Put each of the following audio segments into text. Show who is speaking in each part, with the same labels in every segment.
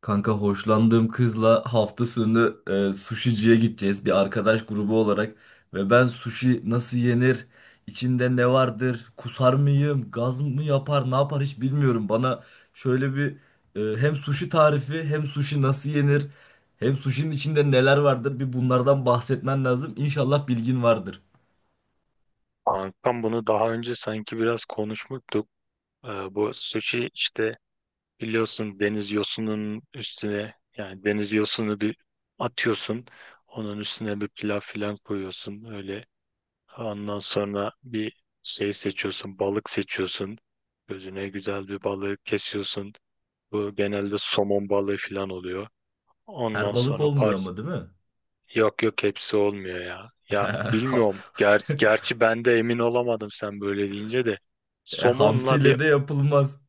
Speaker 1: Kanka hoşlandığım kızla hafta sonu sushi'ciye gideceğiz bir arkadaş grubu olarak ve ben sushi nasıl yenir, içinde ne vardır, kusar mıyım, gaz mı yapar, ne yapar hiç bilmiyorum. Bana şöyle bir hem sushi tarifi, hem sushi nasıl yenir, hem sushi'nin içinde neler vardır bir bunlardan bahsetmen lazım. İnşallah bilgin vardır.
Speaker 2: Kankam bunu daha önce sanki biraz konuşmuştuk. Ee, Bu sushi işte biliyorsun deniz yosunun üstüne, yani deniz yosunu bir atıyorsun. Onun üstüne bir pilav filan koyuyorsun öyle. Ondan sonra bir şey seçiyorsun, balık seçiyorsun. Gözüne güzel bir balığı kesiyorsun. Bu genelde somon balığı filan oluyor. Ondan
Speaker 1: Her balık
Speaker 2: sonra
Speaker 1: olmuyor ama değil mi?
Speaker 2: yok yok, hepsi olmuyor ya. Ya bilmiyorum. Ger gerçi ben de emin olamadım sen böyle deyince de.
Speaker 1: E,
Speaker 2: Somonla bir
Speaker 1: hamsiyle de yapılmaz.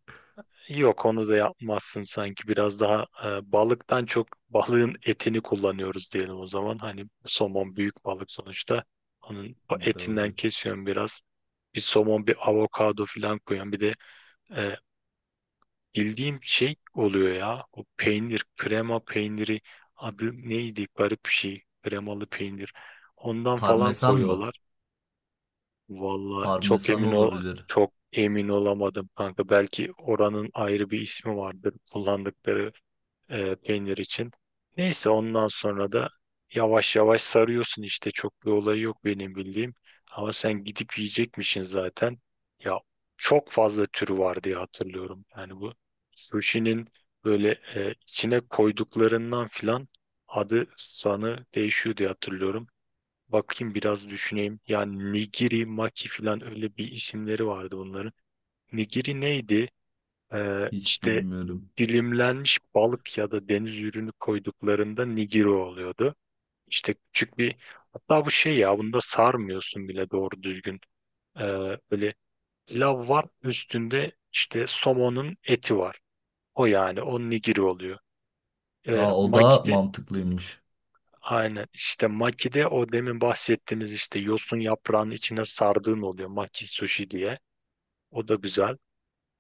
Speaker 2: Yok, onu da yapmazsın sanki. Biraz daha balıktan çok balığın etini kullanıyoruz diyelim o zaman. Hani somon büyük balık sonuçta. Onun etinden
Speaker 1: Doğru.
Speaker 2: kesiyorum biraz. Bir somon, bir avokado falan koyuyorum. E, Bildiğim şey oluyor ya. O peynir, krema peyniri, adı neydi? Garip bir şey. Kremalı peynir. Ondan falan
Speaker 1: Parmesan mı?
Speaker 2: koyuyorlar. Valla çok
Speaker 1: Parmesan
Speaker 2: emin ol,
Speaker 1: olabilir.
Speaker 2: Çok emin olamadım kanka. Belki oranın ayrı bir ismi vardır kullandıkları peynir için. Neyse, ondan sonra da yavaş yavaş sarıyorsun işte. Çok bir olayı yok benim bildiğim. Ama sen gidip yiyecekmişsin zaten. Ya Çok fazla türü var diye hatırlıyorum. Yani bu sushi'nin böyle içine koyduklarından filan adı sanı değişiyor diye hatırlıyorum. Bakayım, biraz düşüneyim. Yani nigiri, maki filan, öyle bir isimleri vardı bunların. Nigiri neydi?
Speaker 1: Hiç
Speaker 2: İşte
Speaker 1: bilmiyorum.
Speaker 2: dilimlenmiş balık ya da deniz ürünü koyduklarında nigiro oluyordu. İşte küçük bir Hatta bu şey ya, bunda sarmıyorsun bile doğru düzgün. Böyle pilav var üstünde, işte somonun eti var. O yani o nigiri oluyor.
Speaker 1: Aa, o da
Speaker 2: Makide
Speaker 1: mantıklıymış.
Speaker 2: Aynen, işte makide o demin bahsettiğimiz işte yosun yaprağının içine sardığın oluyor, maki sushi diye. O da güzel.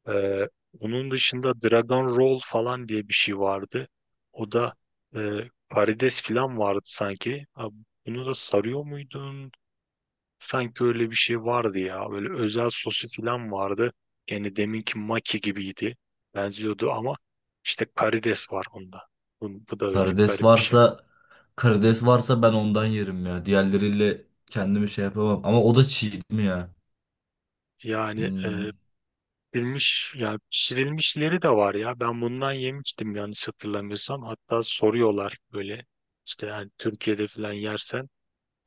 Speaker 2: Ee, Onun dışında Dragon Roll falan diye bir şey vardı. O da e, karides falan vardı sanki. Ha, bunu da sarıyor muydun? Sanki öyle bir şey vardı ya. Böyle özel sosu falan vardı. Yani deminki maki gibiydi. Benziyordu ama işte karides var onda. Bu da öyle
Speaker 1: Karides
Speaker 2: garip bir şey.
Speaker 1: varsa karides varsa ben ondan yerim ya. Diğerleriyle kendimi şey yapamam. Ama o da çiğ değil mi ya?
Speaker 2: Yani e,
Speaker 1: Hmm.
Speaker 2: Pişirilmiş, ya pişirilmişleri de var ya. Ben bundan yemiştim yanlış hatırlamıyorsam. Hatta soruyorlar böyle, işte yani Türkiye'de falan yersen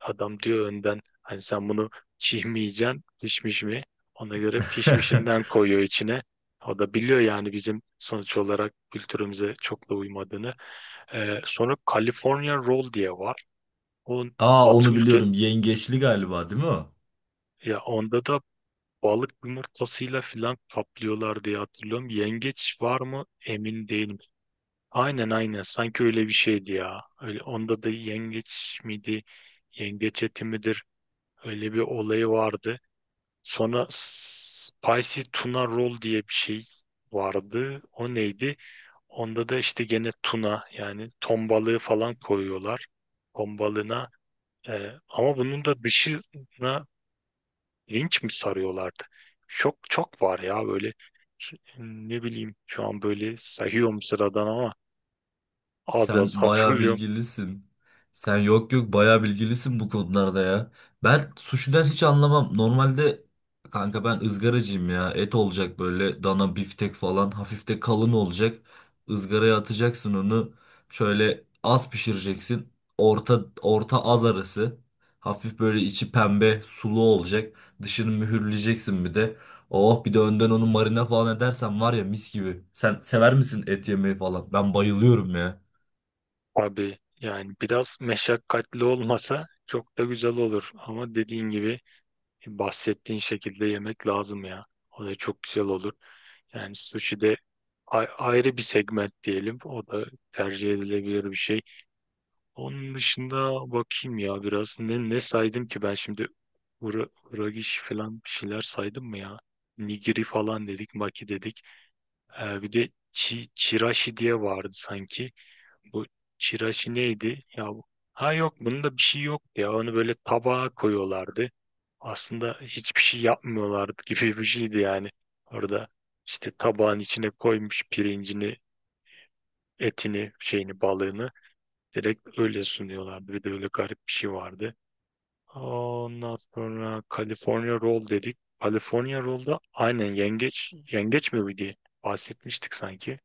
Speaker 2: adam diyor önden, hani sen bunu çiğ mi yiyeceksin, pişmiş mi? Ona göre pişmişinden koyuyor içine. O da biliyor yani bizim sonuç olarak kültürümüze çok da uymadığını. Sonra California Roll diye var. O
Speaker 1: Aa,
Speaker 2: batı
Speaker 1: onu
Speaker 2: ülke
Speaker 1: biliyorum. Yengeçli galiba değil mi o?
Speaker 2: Ya onda da balık yumurtasıyla filan kaplıyorlar diye hatırlıyorum. Yengeç var mı emin değilim. Aynen aynen, sanki öyle bir şeydi ya. Öyle, onda da yengeç miydi? Yengeç eti midir? Öyle bir olayı vardı. Sonra spicy tuna roll diye bir şey vardı. O neydi? Onda da işte gene tuna, yani ton balığı falan koyuyorlar. Ton balığına ama bunun da dışına linç mi sarıyorlardı? Çok çok var ya böyle, ne bileyim şu an böyle sayıyorum sıradan ama az
Speaker 1: Sen
Speaker 2: az
Speaker 1: bayağı
Speaker 2: hatırlıyorum.
Speaker 1: bilgilisin. Sen yok yok bayağı bilgilisin bu konularda ya. Ben suşiden hiç anlamam. Normalde kanka ben ızgaracıyım ya. Et olacak böyle dana biftek falan hafif de kalın olacak. Izgaraya atacaksın onu. Şöyle az pişireceksin. Orta orta az arası. Hafif böyle içi pembe sulu olacak. Dışını mühürleyeceksin bir de. Oh, bir de önden onu marine falan edersen var ya mis gibi. Sen sever misin et yemeyi falan? Ben bayılıyorum ya.
Speaker 2: Abi yani biraz meşakkatli olmasa çok da güzel olur. Ama dediğin gibi bahsettiğin şekilde yemek lazım ya. O da çok güzel olur. Yani sushi de ayrı bir segment diyelim. O da tercih edilebilir bir şey. Onun dışında bakayım ya biraz. Ne saydım ki ben şimdi? Ura, Uragishi falan bir şeyler saydım mı ya? Nigiri falan dedik, maki dedik. Bir de chirashi diye vardı sanki. Bu çiraşi neydi? Ha yok, bunda bir şey yok ya. Onu böyle tabağa koyuyorlardı. Aslında hiçbir şey yapmıyorlardı gibi bir şeydi yani. Orada işte tabağın içine koymuş pirincini, etini, şeyini, balığını, direkt öyle sunuyorlardı. Bir de öyle garip bir şey vardı. Ondan sonra California Roll dedik. California Roll'da aynen yengeç, yengeç mi bu diye bahsetmiştik sanki.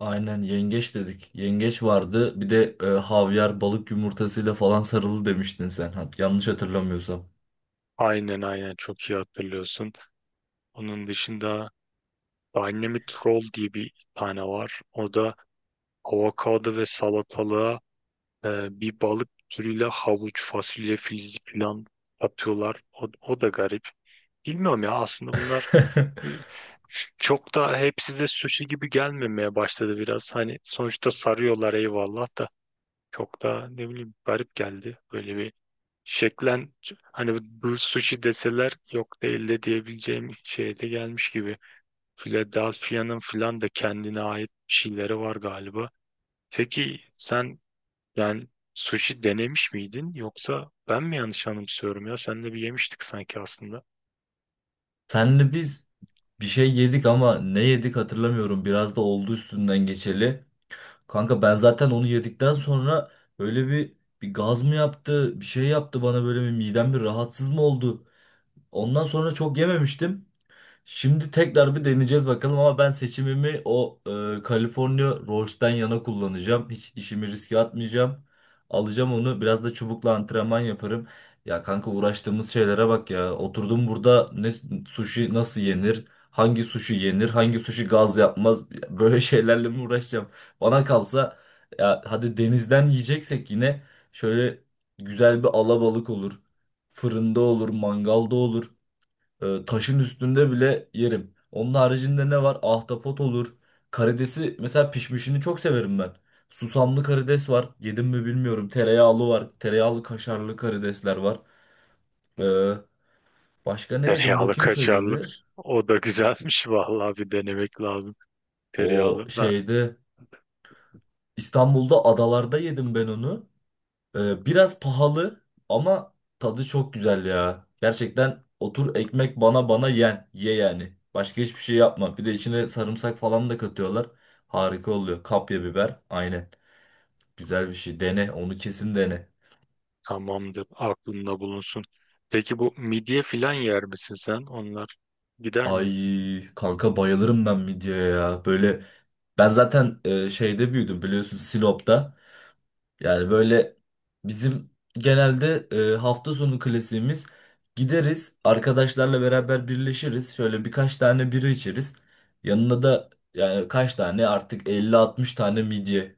Speaker 1: Aynen yengeç dedik. Yengeç vardı. Bir de havyar balık yumurtasıyla falan sarılı demiştin sen. Ha, yanlış hatırlamıyorsam.
Speaker 2: Aynen aynen, çok iyi hatırlıyorsun. Onun dışında Dynamite Roll diye bir tane var. O da avokado ve salatalığa bir balık türüyle havuç, fasulye, filizli falan atıyorlar. O da garip. Bilmiyorum ya, aslında bunlar e, çok da, hepsi de sushi gibi gelmemeye başladı biraz. Hani sonuçta sarıyorlar eyvallah da, çok da ne bileyim garip geldi. Böyle bir şeklen, hani bu sushi deseler yok değil de diyebileceğim şeye de gelmiş gibi. Philadelphia'nın filan da kendine ait bir şeyleri var galiba. Peki sen yani sushi denemiş miydin, yoksa ben mi yanlış anımsıyorum ya? Seninle bir yemiştik sanki aslında.
Speaker 1: Senle biz bir şey yedik ama ne yedik hatırlamıyorum. Biraz da oldu üstünden geçeli. Kanka ben zaten onu yedikten sonra böyle bir gaz mı yaptı, bir şey yaptı bana, böyle bir midem bir rahatsız mı oldu? Ondan sonra çok yememiştim. Şimdi tekrar bir deneyeceğiz bakalım ama ben seçimimi o California Rolls'ten yana kullanacağım. Hiç işimi riske atmayacağım. Alacağım onu. Biraz da çubukla antrenman yaparım. Ya kanka, uğraştığımız şeylere bak ya. Oturdum burada, ne sushi nasıl yenir? Hangi sushi yenir? Hangi sushi gaz yapmaz? Böyle şeylerle mi uğraşacağım? Bana kalsa ya, hadi denizden yiyeceksek yine şöyle güzel bir alabalık olur. Fırında olur, mangalda olur. Taşın üstünde bile yerim. Onun haricinde ne var? Ahtapot olur. Karidesi mesela pişmişini çok severim ben. Susamlı karides var. Yedim mi bilmiyorum. Tereyağlı var. Tereyağlı kaşarlı karidesler var. Ee, Başka ne yedim
Speaker 2: Tereyağlı
Speaker 1: bakayım şöyle
Speaker 2: kaşarlı.
Speaker 1: bir.
Speaker 2: O da güzelmiş vallahi, bir denemek lazım.
Speaker 1: O
Speaker 2: Tereyağlı. Ben,
Speaker 1: şeyde, İstanbul'da adalarda yedim ben onu. Biraz pahalı ama tadı çok güzel ya. Gerçekten otur, ekmek bana yen. Ye yani. Başka hiçbir şey yapma. Bir de içine sarımsak falan da katıyorlar. Harika oluyor. Kapya biber. Aynen. Güzel bir şey. Dene. Onu kesin dene.
Speaker 2: Tamamdır. Aklında bulunsun. Peki bu midye filan yer misin sen? Onlar gider mi?
Speaker 1: Ay kanka, bayılırım ben midyeye ya. Böyle ben zaten şeyde büyüdüm biliyorsun, Sinop'ta. Yani böyle bizim genelde hafta sonu klasiğimiz, gideriz arkadaşlarla beraber birleşiriz. Şöyle birkaç tane bira içeriz. Yanına da yani kaç tane artık, 50-60 tane midye.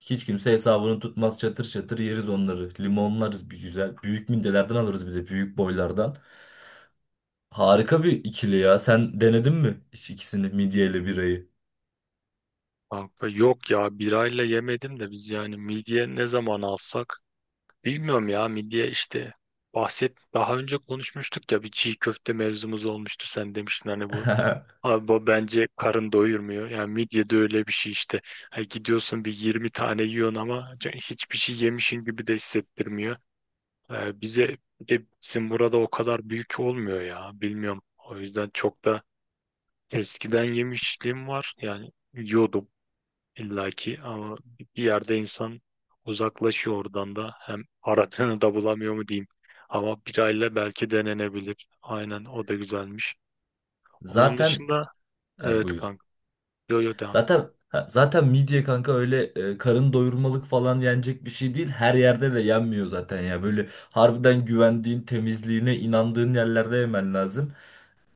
Speaker 1: Hiç kimse hesabını tutmaz, çatır çatır yeriz onları. Limonlarız bir güzel. Büyük midyelerden alırız, bir de büyük boylardan. Harika bir ikili ya. Sen denedin mi hiç ikisini, midye ile birayı?
Speaker 2: Kanka yok ya, birayla yemedim de biz yani midye ne zaman alsak bilmiyorum ya, midye işte daha önce konuşmuştuk ya, bir çiğ köfte mevzumuz olmuştu, sen demiştin hani bu abi bu bence karın doyurmuyor, yani midye de öyle bir şey işte. Ha, gidiyorsun bir 20 tane yiyorsun ama hiçbir şey yemişin gibi de hissettirmiyor. Bize Bir de bizim burada o kadar büyük olmuyor ya. Bilmiyorum. O yüzden çok da, eskiden yemişliğim var. Yani yiyordum illaki ama bir yerde insan uzaklaşıyor oradan da. Hem aradığını da bulamıyor mu diyeyim. Ama birayla belki denenebilir. Aynen, o da güzelmiş. Onun
Speaker 1: Zaten
Speaker 2: dışında
Speaker 1: ha,
Speaker 2: evet
Speaker 1: buyur.
Speaker 2: kanka. Yo yo, devam et.
Speaker 1: Zaten ha, zaten midye kanka öyle karın doyurmalık falan yenecek bir şey değil. Her yerde de yenmiyor zaten ya. Böyle harbiden güvendiğin, temizliğine inandığın yerlerde yemen lazım.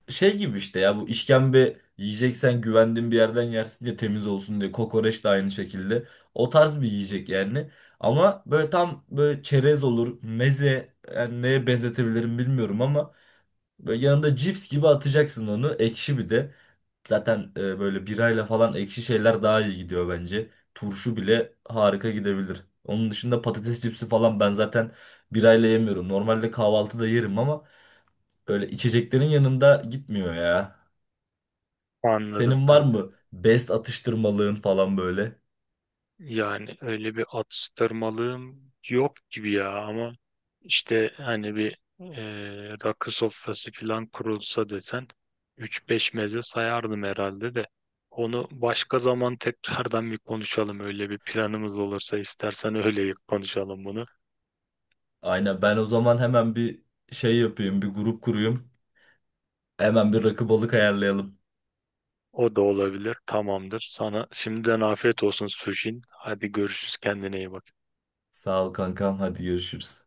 Speaker 1: Şey gibi işte ya, bu işkembe yiyeceksen güvendiğin bir yerden yersin diye, temiz olsun diye. Kokoreç de aynı şekilde. O tarz bir yiyecek yani. Ama böyle tam böyle çerez olur, meze, yani neye benzetebilirim bilmiyorum ama böyle yanında cips gibi atacaksın onu. Ekşi bir de. Zaten böyle birayla falan ekşi şeyler daha iyi gidiyor bence. Turşu bile harika gidebilir. Onun dışında patates cipsi falan ben zaten birayla yemiyorum. Normalde kahvaltıda yerim ama böyle içeceklerin yanında gitmiyor ya.
Speaker 2: Anladım
Speaker 1: Senin var
Speaker 2: kanka.
Speaker 1: mı best atıştırmalığın falan böyle?
Speaker 2: Yani öyle bir atıştırmalığım yok gibi ya ama işte hani bir rakı sofrası falan kurulsa desen üç beş meze sayardım herhalde de, onu başka zaman tekrardan bir konuşalım. Öyle bir planımız olursa istersen öyle konuşalım bunu.
Speaker 1: Aynen, ben o zaman hemen bir şey yapayım, bir grup kurayım. Hemen bir rakı balık ayarlayalım.
Speaker 2: O da olabilir, tamamdır. Sana şimdiden afiyet olsun Sujin, hadi görüşürüz, kendine iyi bak.
Speaker 1: Sağ ol kankam, hadi görüşürüz.